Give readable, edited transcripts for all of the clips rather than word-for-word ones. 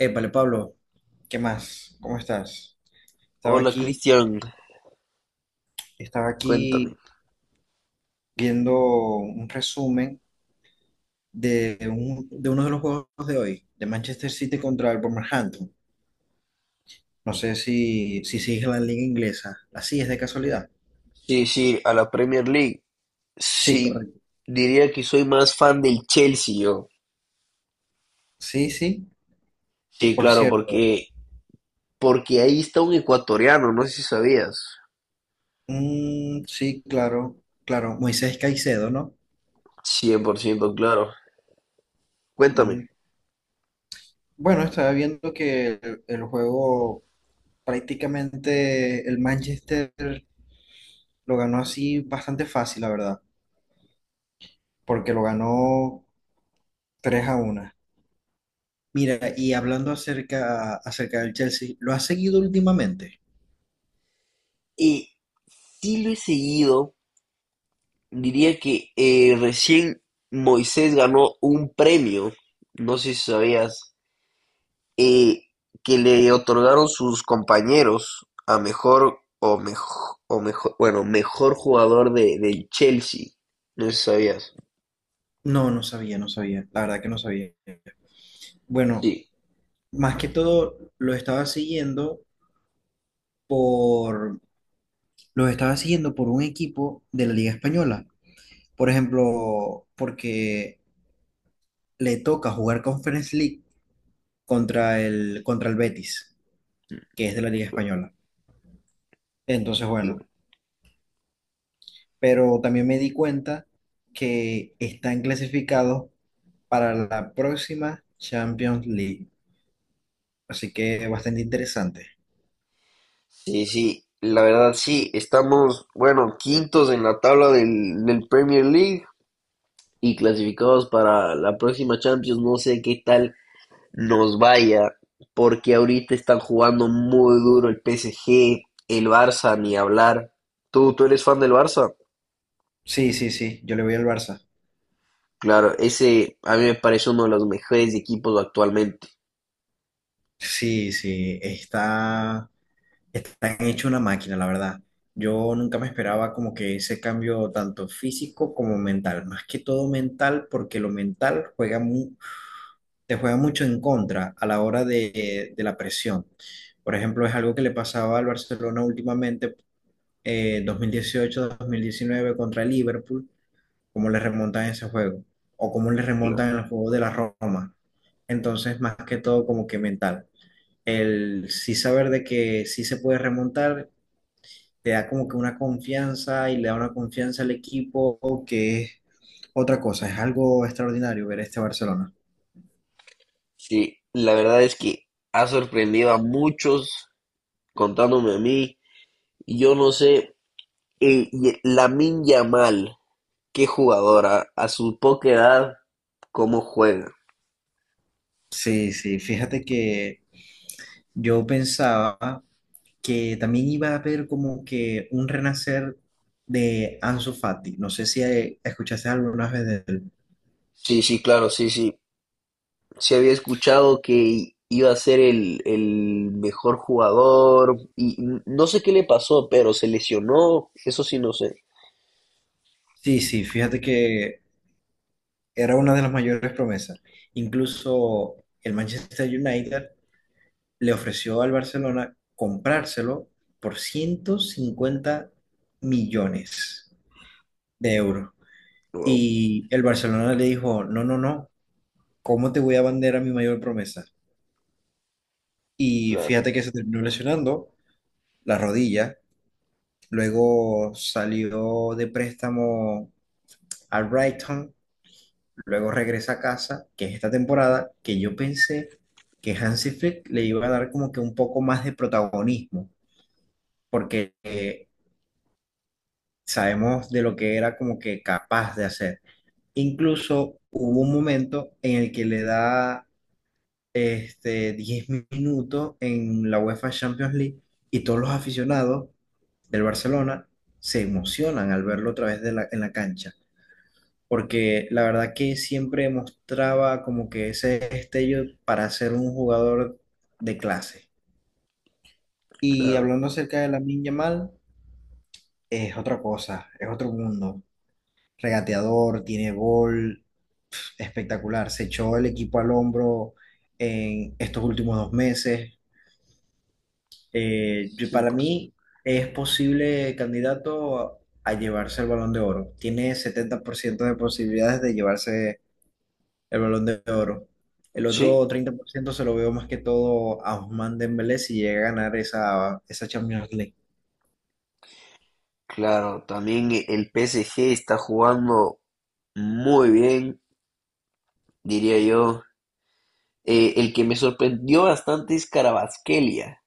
Épale, Pablo, ¿qué más? ¿Cómo estás? Estaba Hola aquí, Cristian, estaba cuéntame. aquí viendo un resumen de, de uno de los juegos de hoy, de Manchester City contra el Wolverhampton. No sé si sigues la liga inglesa. ¿La sigues de casualidad? Sí, sí, a la Premier League. Sí, Sí, correcto. diría que soy más fan del Chelsea yo. Sí, sí, Sí, por claro, cierto. Porque ahí está un ecuatoriano, no sé si sabías. Mm, sí, claro, claro. Moisés Caicedo, ¿no? 100%, claro. Cuéntame. Mm, bueno, estaba viendo que el juego prácticamente el Manchester. Lo ganó así bastante fácil, la verdad, porque lo ganó 3-1. Mira, y hablando acerca del Chelsea, ¿lo has seguido últimamente? Y sí lo he seguido, diría que recién Moisés ganó un premio, no sé si sabías. eh, que le otorgaron sus compañeros a mejor o mejor o mejor mejor bueno mejor jugador de del Chelsea. No sé si sabías. No, no sabía, no sabía, la verdad que no sabía. Bueno, Sí, más que todo lo estaba siguiendo por, lo estaba siguiendo por un equipo de la Liga Española. Por ejemplo, porque le toca jugar Conference League contra el Betis, que es de la Liga Española. Entonces, bueno. claro. Pero también me di cuenta que están clasificados para la próxima Champions League. Así que bastante interesante. Sí, sí, la verdad, sí, estamos, bueno, quintos en la tabla del Premier League y clasificados para la próxima Champions. No sé qué tal nos vaya, porque ahorita están jugando muy duro el PSG, el Barça, ni hablar. ¿Tú eres fan del Barça? Sí, sí, sí, yo le voy al Barça. Claro, ese a mí me parece uno de los mejores equipos actualmente. Sí, sí, están hecho una máquina, la verdad. Yo nunca me esperaba como que ese cambio tanto físico como mental, más que todo mental, porque lo mental juega te juega mucho en contra a la hora de la presión. Por ejemplo, es algo que le pasaba al Barcelona últimamente 2018-2019 contra el Liverpool, cómo le remontan en ese juego, o cómo le Claro. remontan en el juego de la Roma. Entonces, más que todo, como que mental. El sí saber de que sí se puede remontar, te da como que una confianza y le da una confianza al equipo, que es otra cosa, es algo extraordinario ver este Barcelona. Sí, la verdad es que ha sorprendido a muchos, contándome a mí. Yo no sé, Lamine Yamal, qué jugadora, a su poca edad, cómo juega. Sí, sí, fíjate que yo pensaba que también iba a haber como que un renacer de Ansu Fati. No sé si escuchaste alguna vez de él. Sí, sí, claro, sí, sí. Se había escuchado que iba a ser el mejor jugador y no sé qué le pasó, pero se lesionó, eso sí no sé. Sí, sí, fíjate que era una de las mayores promesas. Incluso el Manchester United le ofreció al Barcelona comprárselo por 150 millones de euros. Wow, Y el Barcelona le dijo, no, no, no, ¿cómo te voy a vender a mi mayor promesa? Y claro, fíjate que se terminó lesionando la rodilla. Luego salió de préstamo al Brighton. Luego regresa a casa, que es esta temporada, que yo pensé que Hansi Flick le iba a dar como que un poco más de protagonismo, porque sabemos de lo que era como que capaz de hacer. Incluso hubo un momento en el que le da este, 10 minutos en la UEFA Champions League y todos los aficionados del Barcelona se emocionan al verlo otra vez de en la cancha, porque la verdad que siempre mostraba como que ese destello para ser un jugador de clase. Y claro, hablando acerca de Lamine Yamal, es otra cosa, es otro mundo. Regateador, tiene gol, espectacular. Se echó el equipo al hombro en estos últimos 2 meses. Para mí 100%. es posible candidato a llevarse el Balón de Oro. Tiene 70% de posibilidades de llevarse el Balón de Oro. El Sí, otro 30% se lo veo más que todo a Ousmane Dembélé si llega a ganar esa Champions League. claro, también el PSG está jugando muy bien, diría yo. El que me sorprendió bastante es Carabasquelia.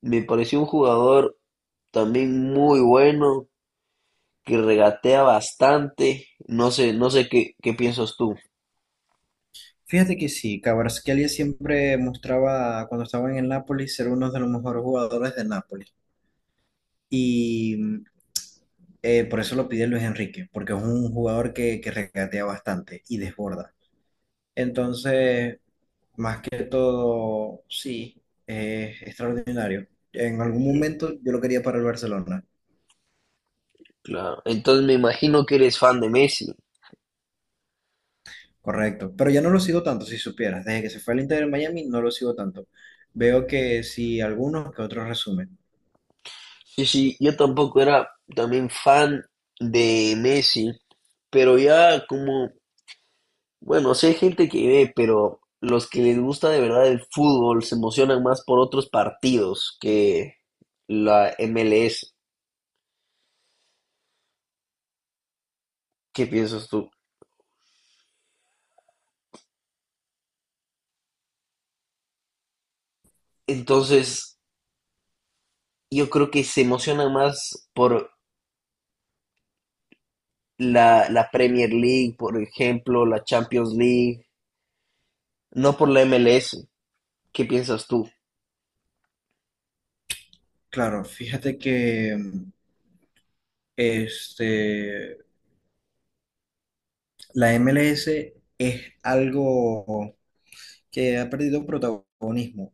Me pareció un jugador también muy bueno, que regatea bastante. No sé, no sé qué piensas tú. Fíjate que sí, Kvaratskhelia siempre mostraba cuando estaba en el Napoli ser uno de los mejores jugadores del Napoli. Y mm, por eso lo pide Luis Enrique, porque es un jugador que regatea bastante y desborda. Entonces, más que todo, sí, es extraordinario. En algún momento yo lo quería para el Barcelona, Claro. Entonces me imagino que eres fan de Messi. correcto. Pero ya no lo sigo tanto, si supieras. Desde que se fue al Inter de Miami no lo sigo tanto. Veo que sí algunos que otros resumen. Sí, sí, yo tampoco era también fan de Messi, pero ya como bueno, sí hay gente que ve, pero los que les gusta de verdad el fútbol se emocionan más por otros partidos que la MLS. ¿Qué piensas tú? Entonces, yo creo que se emocionan más por la Premier League, por ejemplo, la Champions League, no por la MLS. ¿Qué piensas tú? Claro, fíjate que este, la MLS algo que ha perdido protagonismo.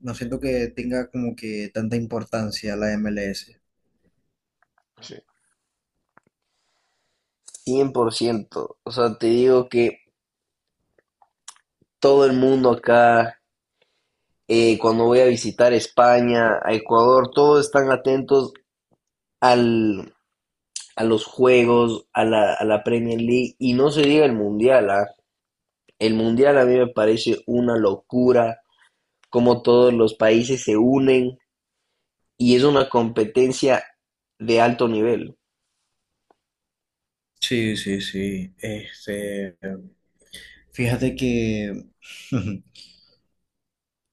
No siento que tenga como que tanta importancia la MLS. Sí, cien por ciento. O sea, te digo que todo el mundo acá, cuando voy a visitar España, a Ecuador, todos están atentos al a los juegos, a la Premier League y no se diga el Mundial, ¿ah? El Mundial a mí me parece una locura, como todos los países se unen y es una competencia de alto nivel. Sí, sí, sí. Este, fíjate que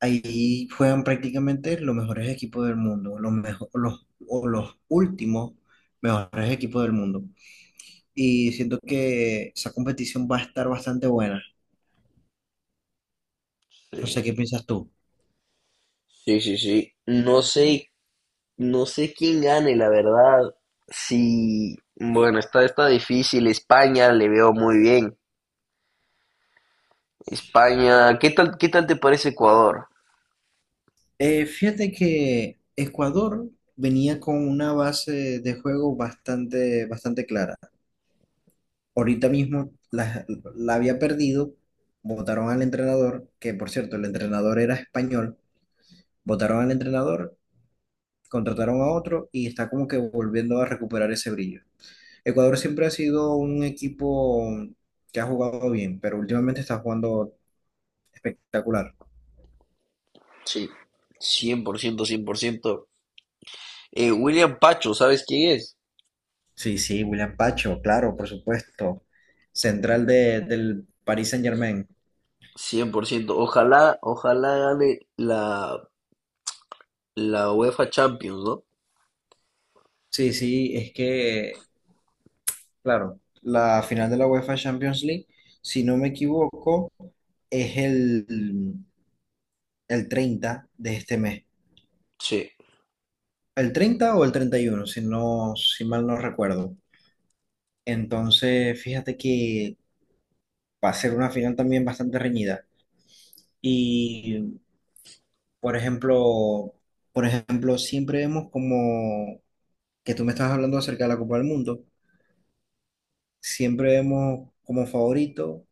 ahí juegan prácticamente los mejores equipos del mundo, o los últimos mejores equipos del mundo. Y siento que esa competición va a estar bastante buena. No Sí, sé qué piensas tú. sí, sí. Sí, no sé, no sé quién gane, la verdad. Sí, bueno, está, está difícil. España le veo muy bien. España, ¿qué tal te parece Ecuador? Fíjate que Ecuador venía con una base de juego bastante, bastante clara. Ahorita mismo la había perdido, votaron al entrenador, que por cierto, el entrenador era español, votaron al entrenador, contrataron a otro y está como que volviendo a recuperar ese brillo. Ecuador siempre ha sido un equipo que ha jugado bien, pero últimamente está jugando espectacular. Sí, 100%, 100%. William Pacho, ¿sabes quién es? Sí, sí, William Pacho, claro, por supuesto. Central del Paris Saint-Germain. Cien por ciento. Ojalá, ojalá gane la, la UEFA Champions, ¿no? Sí, sí, es que claro, la final de la UEFA Champions League, si no me equivoco, es el 30 de este mes. Sí, El 30 o el 31, si mal no recuerdo. Entonces, fíjate que va a ser una final también bastante reñida. Y, por ejemplo, siempre vemos como que tú me estás hablando acerca de la Copa del Mundo, siempre vemos como favorito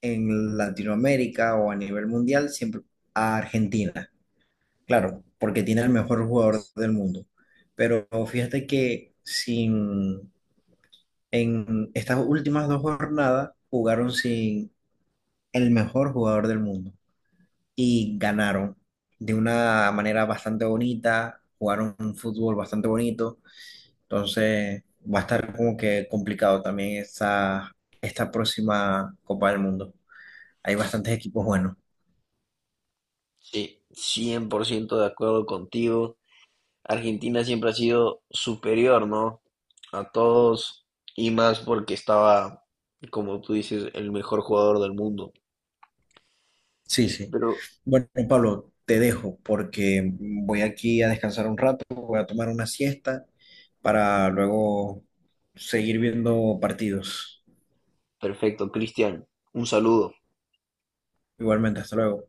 en Latinoamérica o a nivel mundial siempre a Argentina, claro, porque tiene el mejor jugador del mundo. Pero fíjate que sin, en estas últimas 2 jornadas jugaron sin el mejor jugador del mundo y ganaron de una manera bastante bonita, jugaron un fútbol bastante bonito, entonces va a estar como que complicado también esta próxima Copa del Mundo. Hay bastantes equipos buenos. sí, cien por ciento de acuerdo contigo. Argentina siempre ha sido superior, ¿no? A todos y más porque estaba, como tú dices, el mejor jugador del mundo. Sí, sí. Pero Bueno, Pablo, te dejo porque voy aquí a descansar un rato, voy a tomar una siesta para luego seguir viendo partidos. perfecto, Cristian, un saludo. Igualmente, hasta luego.